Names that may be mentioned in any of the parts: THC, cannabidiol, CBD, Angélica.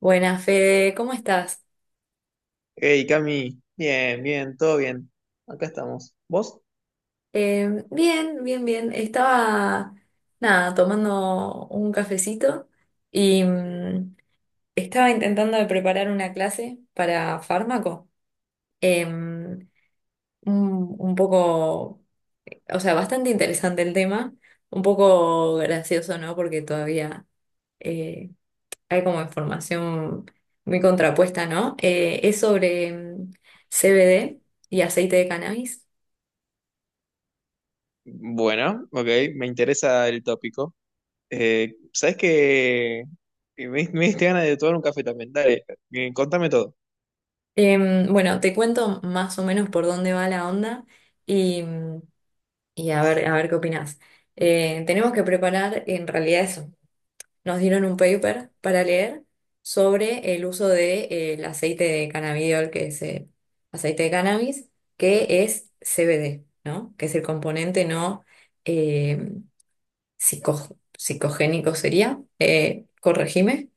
Buenas, Fede, ¿cómo estás? Hey, Cami, bien, bien, todo bien. Acá estamos. ¿Vos? Bien, bien, bien. Estaba, nada, tomando un cafecito y estaba intentando de preparar una clase para fármaco. Eh, un, un poco, o sea, bastante interesante el tema, un poco gracioso, ¿no? Porque todavía eh, hay como información muy contrapuesta, ¿no? Es sobre CBD y aceite de cannabis. Bueno, ok, me interesa el tópico. ¿Sabes qué? Me diste ganas de tomar un café también. Dale, contame todo. Bueno, te cuento más o menos por dónde va la onda y, y a ver qué opinás. Tenemos que preparar en realidad eso. Nos dieron un paper para leer sobre el uso de, el aceite de cannabidiol, que es aceite de cannabis, que es CBD, ¿no? Que es el componente no eh, psicogénico sería. Corregime.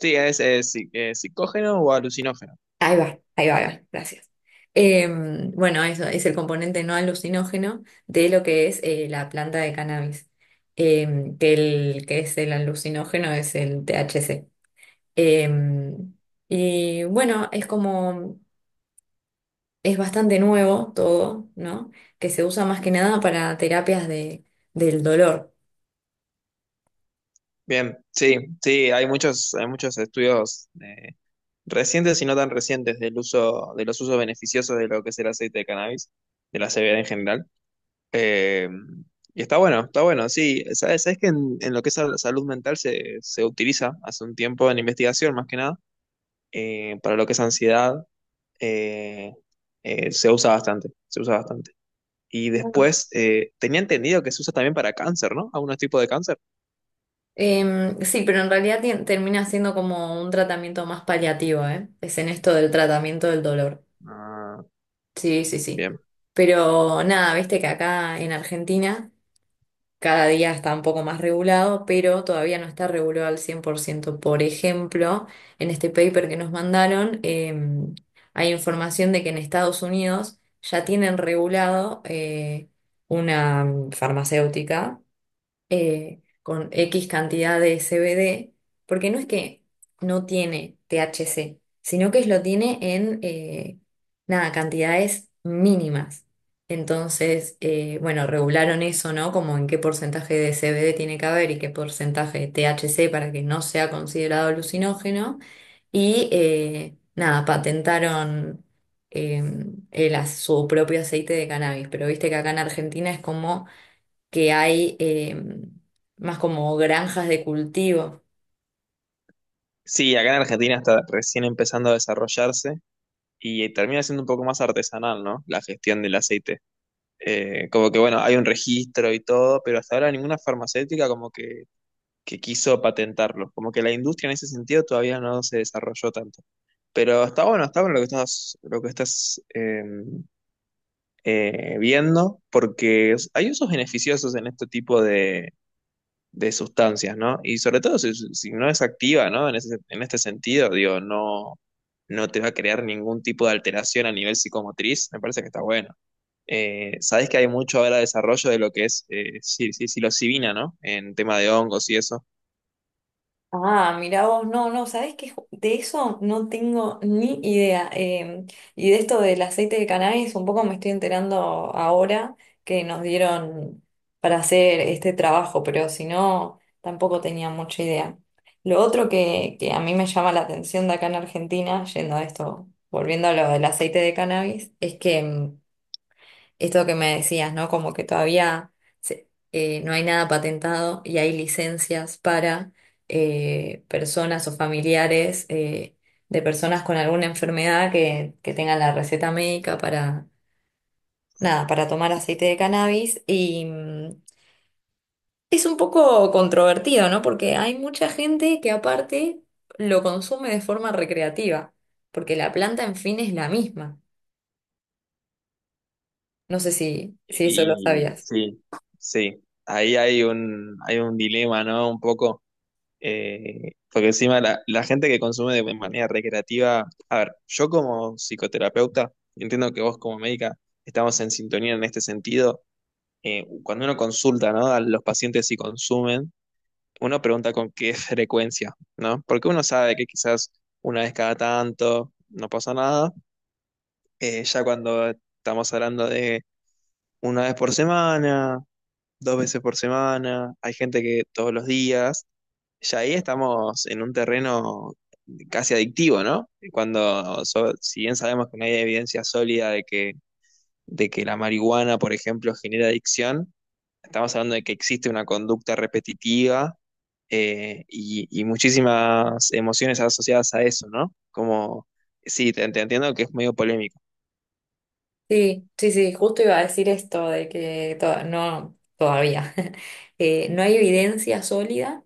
Sí, es sí, psicógeno o alucinógeno. Ahí va, ahí va, ahí va, gracias. Bueno, eso es el componente no alucinógeno de lo que es la planta de cannabis, que el que es el alucinógeno es el THC. Em, y bueno, es como, es bastante nuevo todo, ¿no? Que se usa más que nada para terapias de, del dolor. Bien, sí, sí, hay muchos estudios recientes y no tan recientes del uso, de los usos beneficiosos de lo que es el aceite de cannabis, de la CBD en general. Eh, y está bueno, sí. Sabes que en lo que es la salud mental se utiliza hace un tiempo en investigación, más que nada, para lo que es ansiedad, eh, se usa bastante, se usa bastante. Y Bueno. después, tenía entendido que se usa también para cáncer, ¿no? Algunos tipos de cáncer. Sí, pero en realidad termina siendo como un tratamiento más paliativo, ¿eh? Es en esto del tratamiento del dolor. Ah, Sí, sí, sí. bien. Pero nada, viste que acá en Argentina cada día está un poco más regulado, pero todavía no está regulado al 100%, por ciento. Por ejemplo, en este paper que nos mandaron, hay información de que en Estados Unidos ya tienen regulado una farmacéutica con X cantidad de CBD, porque no es que no tiene THC, sino que lo tiene en, nada, cantidades mínimas. Entonces, bueno, regularon eso, ¿no? Como en qué porcentaje de CBD tiene que haber y qué porcentaje de THC para que no sea considerado alucinógeno. Y nada, patentaron eh, su propio aceite de cannabis. Pero viste que acá en Argentina es como que hay más como granjas de cultivo. Sí, acá en Argentina está recién empezando a desarrollarse y termina siendo un poco más artesanal, ¿no? La gestión del aceite. Como que, bueno, hay un registro y todo, pero hasta ahora ninguna farmacéutica como que quiso patentarlo. Como que la industria en ese sentido todavía no se desarrolló tanto. Pero está bueno lo que estás viendo, porque hay usos beneficiosos en este tipo de sustancias, ¿no? Y sobre todo si no es activa, ¿no? En este sentido, digo, no, no te va a crear ningún tipo de alteración a nivel psicomotriz, me parece que está bueno. Sabes que hay mucho ahora desarrollo de lo que es sí, sí, psilocibina, ¿no? En tema de hongos y eso. Ah, mira vos, no, no, ¿sabés qué? De eso no tengo ni idea. Y de esto del aceite de cannabis, un poco me estoy enterando ahora que nos dieron para hacer este trabajo, pero si no, tampoco tenía mucha idea. Lo otro que a mí me llama la atención de acá en Argentina, yendo a esto, volviendo a lo del aceite de cannabis, es que esto que me decías, ¿no? Como que todavía no hay nada patentado y hay licencias para personas o familiares de personas con alguna enfermedad que tengan la receta médica para, nada, para tomar aceite de cannabis. Y es un poco controvertido, ¿no? Porque hay mucha gente que aparte lo consume de forma recreativa, porque la planta en fin es la misma. No sé si eso lo Y sabías. sí, sí, ahí hay un dilema, ¿no? Un poco, porque encima la gente que consume de manera recreativa, a ver, yo como psicoterapeuta, entiendo que vos como médica estamos en sintonía en este sentido, cuando uno consulta, ¿no? A los pacientes si consumen, uno pregunta con qué frecuencia, ¿no? Porque uno sabe que quizás una vez cada tanto no pasa nada, ya cuando estamos hablando de una vez por semana, dos veces por semana, hay gente que todos los días. Ya ahí estamos en un terreno casi adictivo, ¿no? Si bien sabemos que no hay evidencia sólida de que la marihuana, por ejemplo, genera adicción, estamos hablando de que existe una conducta repetitiva y muchísimas emociones asociadas a eso, ¿no? Como, sí, te entiendo que es medio polémico. Sí, sí, sí, justo iba a decir esto de que no, todavía, no hay evidencia sólida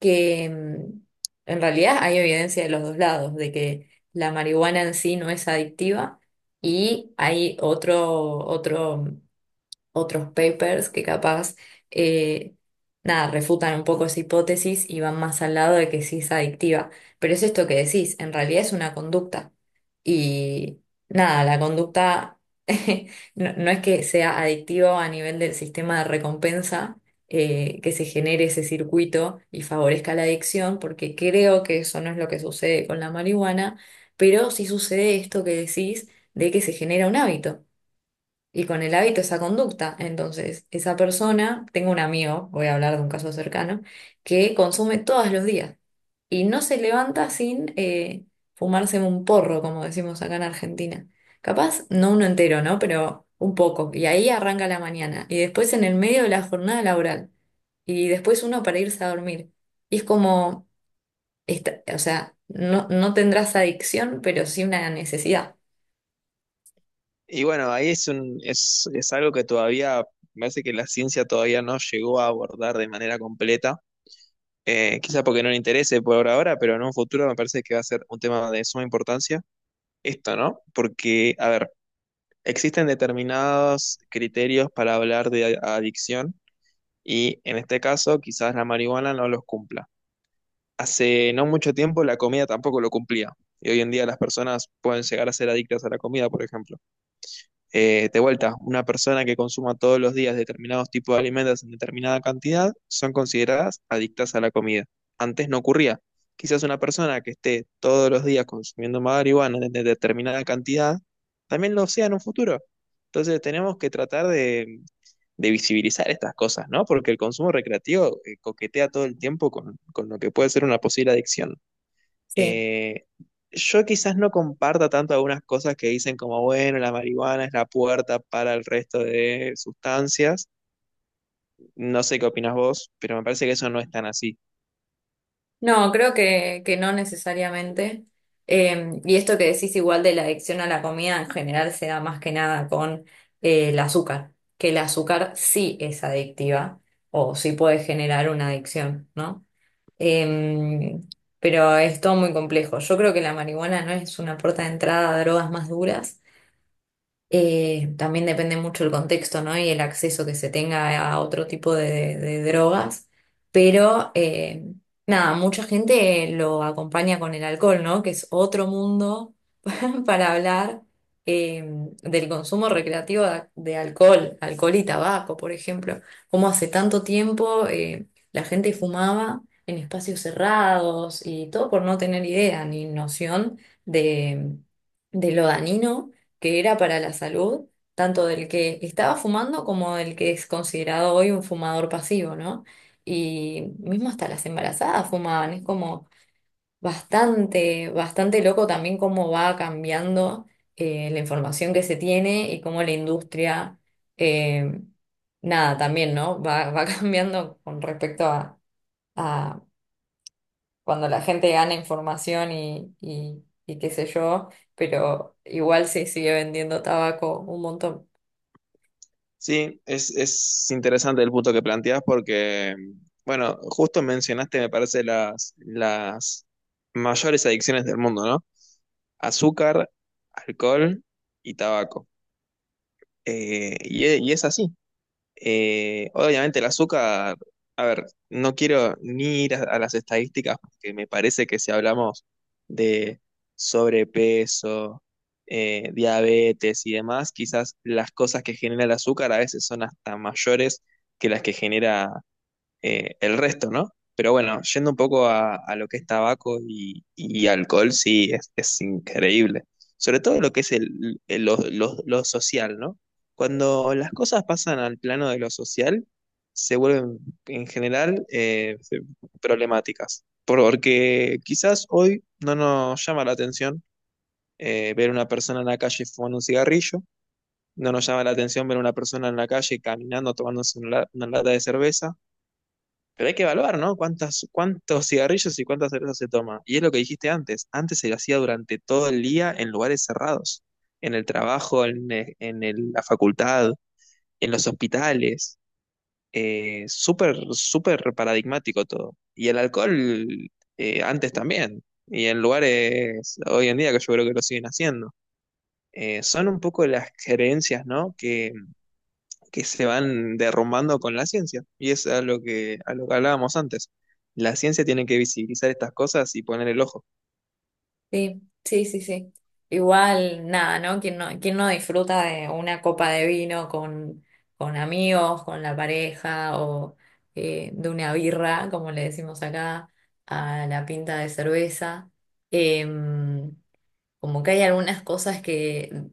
que en realidad hay evidencia de los dos lados, de que la marihuana en sí no es adictiva y hay otros papers que capaz, eh, nada, refutan un poco esa hipótesis y van más al lado de que sí es adictiva. Pero es esto que decís, en realidad es una conducta. Y nada, la conducta no, no es que sea adictiva a nivel del sistema de recompensa, que se genere ese circuito y favorezca la adicción, porque creo que eso no es lo que sucede con la marihuana, pero sí sucede esto que decís de que se genera un hábito y con el hábito esa conducta. Entonces, esa persona, tengo un amigo, voy a hablar de un caso cercano, que consume todos los días y no se levanta sin fumarse un porro, como decimos acá en Argentina. Capaz, no uno entero, ¿no? Pero un poco. Y ahí arranca la mañana. Y después en el medio de la jornada laboral. Y después uno para irse a dormir. Y es como, o sea, no, no tendrás adicción, pero sí una necesidad. Y bueno, ahí es algo que todavía, me parece que la ciencia todavía no llegó a abordar de manera completa. Quizá porque no le interese por ahora, pero en un futuro me parece que va a ser un tema de suma importancia. Esto, ¿no? Porque, a ver, existen determinados criterios para hablar de adicción y en este caso quizás la marihuana no los cumpla. Hace no mucho tiempo la comida tampoco lo cumplía y hoy en día las personas pueden llegar a ser adictas a la comida, por ejemplo. De vuelta, una persona que consuma todos los días determinados tipos de alimentos en determinada cantidad son consideradas adictas a la comida. Antes no ocurría. Quizás una persona que esté todos los días consumiendo marihuana en determinada cantidad también lo sea en un futuro. Entonces tenemos que tratar de visibilizar estas cosas, ¿no? Porque el consumo recreativo coquetea todo el tiempo con, lo que puede ser una posible adicción. Sí. Eh, yo quizás no comparta tanto algunas cosas que dicen como, bueno, la marihuana es la puerta para el resto de sustancias. No sé qué opinas vos, pero me parece que eso no es tan así. No, creo que no necesariamente. Y esto que decís igual de la adicción a la comida en general se da más que nada con el azúcar, que el azúcar sí es adictiva o sí puede generar una adicción, ¿no? Eh, pero es todo muy complejo. Yo creo que la marihuana no es una puerta de entrada a drogas más duras, también depende mucho el contexto, ¿no? Y el acceso que se tenga a otro tipo de drogas. Pero nada, mucha gente lo acompaña con el alcohol, ¿no? Que es otro mundo para hablar eh, del consumo recreativo de alcohol, alcohol y tabaco, por ejemplo. Cómo hace tanto tiempo la gente fumaba en espacios cerrados y todo por no tener idea ni noción de, de lo dañino que era para la salud, tanto del que estaba fumando como del que es considerado hoy un fumador pasivo, ¿no? Y mismo hasta las embarazadas fumaban, es como. Bastante, bastante loco también cómo va cambiando la información que se tiene y cómo la industria, eh, nada, también, ¿no? Va cambiando con respecto a cuando la gente gana información y qué sé yo, pero igual se sigue vendiendo tabaco un montón. Sí, es interesante el punto que planteás porque, bueno, justo mencionaste, me parece, las, mayores adicciones del mundo, ¿no? Azúcar, alcohol y tabaco. Y es así. Obviamente el azúcar, a ver, no quiero ni ir a las estadísticas porque me parece que si hablamos de sobrepeso, diabetes y demás, quizás las cosas que genera el azúcar a veces son hasta mayores que las que genera el resto, ¿no? Pero bueno, yendo un poco a lo que es tabaco y alcohol, sí, es increíble. Sobre todo lo que es lo social, ¿no? Cuando las cosas pasan al plano de lo social, se vuelven en general problemáticas. Porque quizás hoy no nos llama la atención ver una persona en la calle fumando un cigarrillo, no nos llama la atención ver una persona en la calle caminando, tomándose una lata de cerveza, pero hay que evaluar, ¿no? ¿Cuántas, cuántos cigarrillos y cuántas cervezas se toma? Y es lo que dijiste antes. Antes se lo hacía durante todo el día en lugares cerrados, en el trabajo, en, e- en el- la facultad, en los hospitales. Súper, súper paradigmático todo. Y el alcohol antes también. Y en lugares hoy en día que yo creo que lo siguen haciendo. Son un poco las creencias, ¿no? Que se van derrumbando con la ciencia. Y es a lo que hablábamos antes. La ciencia tiene que visibilizar estas cosas y poner el ojo. Sí, sí, sí, sí. Igual, nada, ¿no? ¿Quién no disfruta de una copa de vino con amigos, con la pareja o de una birra, como le decimos acá, a la pinta de cerveza? Em, Como que hay algunas cosas que,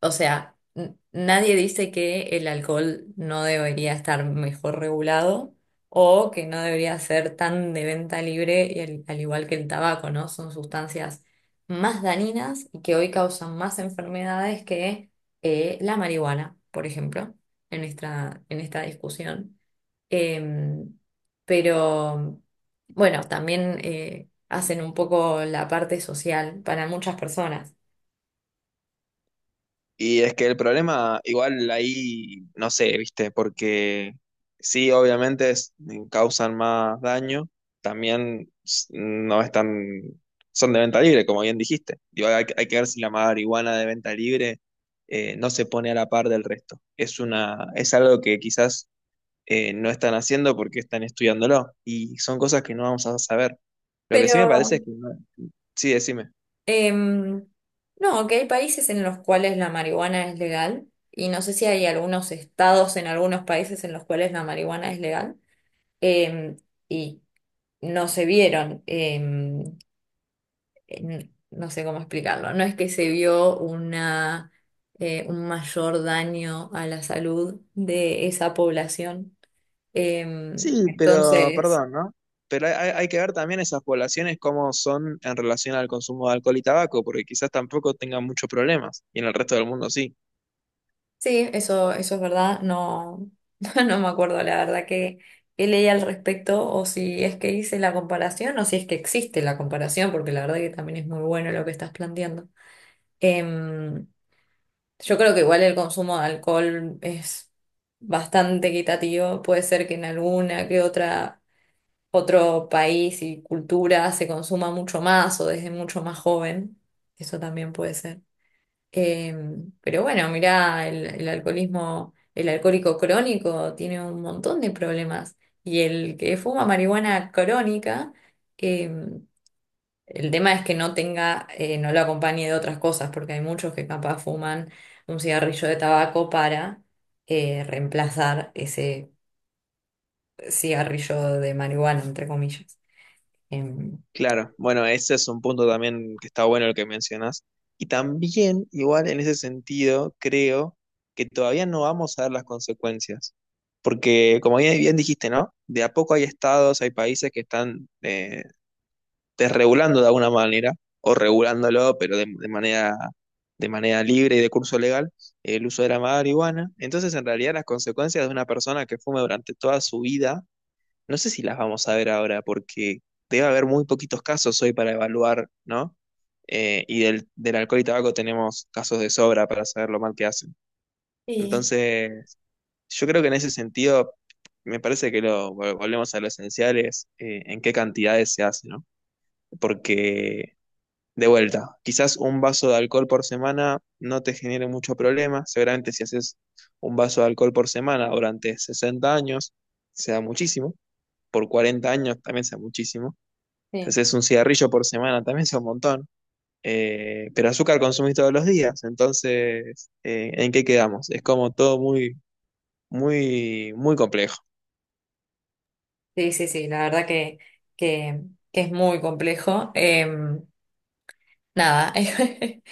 o sea, nadie dice que el alcohol no debería estar mejor regulado o que no debería ser tan de venta libre, y al igual que el tabaco, ¿no? Son sustancias más dañinas y que hoy causan más enfermedades que la marihuana, por ejemplo, en esta discusión. Em, pero bueno, también hacen un poco la parte social para muchas personas. Y es que el problema, igual ahí, no sé, viste, porque sí, obviamente causan más daño, también no están, son de venta libre, como bien dijiste. Digo, que hay que ver si la marihuana de venta libre no se pone a la par del resto. Es algo que quizás no están haciendo porque están estudiándolo. Y son cosas que no vamos a saber. Lo que sí Pero me parece es que Sí, decime. em, no, que hay países en los cuales la marihuana es legal y no sé si hay algunos estados en algunos países en los cuales la marihuana es legal, em, y no se vieron, no sé cómo explicarlo, no es que se vio una, un mayor daño a la salud de esa población. Sí, pero Entonces. perdón, ¿no? Pero hay que ver también esas poblaciones cómo son en relación al consumo de alcohol y tabaco, porque quizás tampoco tengan muchos problemas, y en el resto del mundo sí. Sí, eso es verdad. No, no me acuerdo la verdad que leí al respecto o si es que hice la comparación o si es que existe la comparación, porque la verdad que también es muy bueno lo que estás planteando. Em, yo creo que igual el consumo de alcohol es bastante equitativo. Puede ser que en alguna que otro país y cultura se consuma mucho más o desde mucho más joven. Eso también puede ser. Eh, pero bueno, mirá, el alcoholismo, el alcohólico crónico tiene un montón de problemas. Y el que fuma marihuana crónica, eh, el tema es que no tenga, no lo acompañe de otras cosas, porque hay muchos que capaz fuman un cigarrillo de tabaco para reemplazar ese cigarrillo de marihuana, entre comillas. Em, Claro, bueno, ese es un punto también que está bueno el que mencionas. Y también, igual en ese sentido, creo que todavía no vamos a ver las consecuencias. Porque, como bien, bien dijiste, ¿no? De a poco hay estados, hay países que están desregulando de alguna manera, o regulándolo, pero de manera libre y de curso legal, el uso de la marihuana. Entonces, en realidad, las consecuencias de una persona que fume durante toda su vida no sé si las vamos a ver ahora porque debe haber muy poquitos casos hoy para evaluar, ¿no? Y del alcohol y tabaco tenemos casos de sobra para saber lo mal que hacen. Sí. Entonces, yo creo que en ese sentido, me parece que volvemos a lo esencial es en qué cantidades se hace, ¿no? Porque, de vuelta, quizás un vaso de alcohol por semana no te genere mucho problema. Seguramente si haces un vaso de alcohol por semana durante 60 años, sea muchísimo por 40 años también sea muchísimo. Si Sí, haces un cigarrillo por semana también sea un montón. Pero azúcar consumís todos los días, entonces, ¿en qué quedamos? Es como todo muy, muy, muy complejo. sí, sí, sí, la verdad que, que es muy complejo. Nada.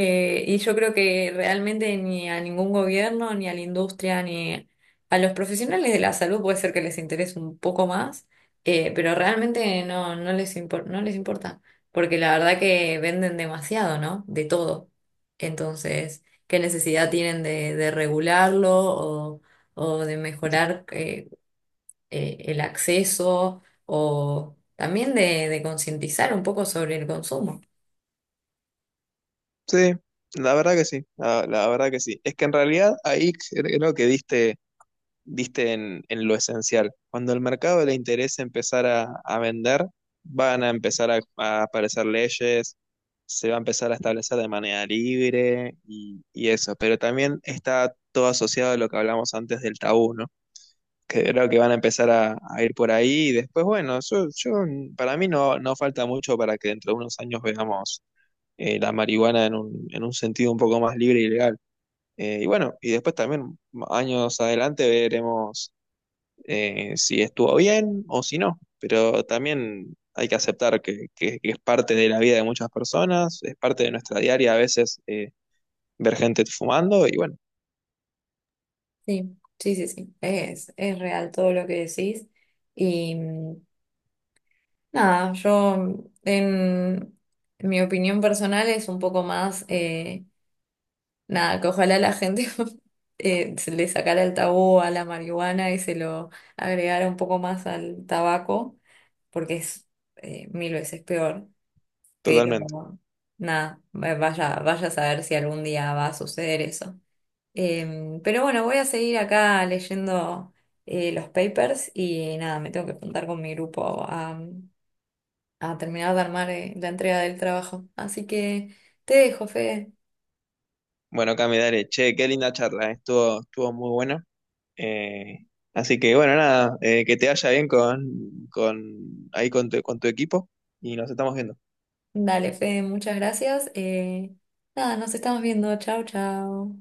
Y yo creo que realmente ni a ningún gobierno, ni a la industria, ni a los profesionales de la salud puede ser que les interese un poco más, pero realmente no, no les importa, porque la verdad que venden demasiado, ¿no? De todo. Entonces, ¿qué necesidad tienen de regularlo o de mejorar el acceso o también de concientizar un poco sobre el consumo? Sí, la verdad que sí, la verdad que sí. Es que en realidad ahí creo que diste en lo esencial. Cuando el mercado le interese empezar a, vender, van a empezar a aparecer leyes, se va a empezar a establecer de manera libre y eso. Pero también está todo asociado a lo que hablamos antes del tabú, ¿no? Que creo que van a empezar a, ir por ahí y después, bueno, yo para mí no, no falta mucho para que dentro de unos años veamos la marihuana en un sentido un poco más libre y legal. Y bueno, y después también años adelante veremos si estuvo bien o si no, pero también hay que aceptar que es parte de la vida de muchas personas, es parte de nuestra diaria a veces ver gente fumando y bueno, Sí, sí, sí, sí. Es real todo lo que decís. Y nada, yo en mi opinión personal es un poco más, nada, que ojalá la gente se le sacara el tabú a la marihuana y se lo agregara un poco más al tabaco, porque es mil veces peor. Pero totalmente. nada, vaya, vaya a saber si algún día va a suceder eso. Pero bueno, voy a seguir acá leyendo los papers y nada, me tengo que juntar con mi grupo a terminar de armar la entrega del trabajo. Así que te dejo, Fede. Bueno, Cami, dale, che, qué linda charla, estuvo muy buena. eh, así que bueno, nada, que te vaya bien con ahí con tu equipo y nos estamos viendo. Dale, Fede, muchas gracias. Nada, nos estamos viendo. Chao, chao.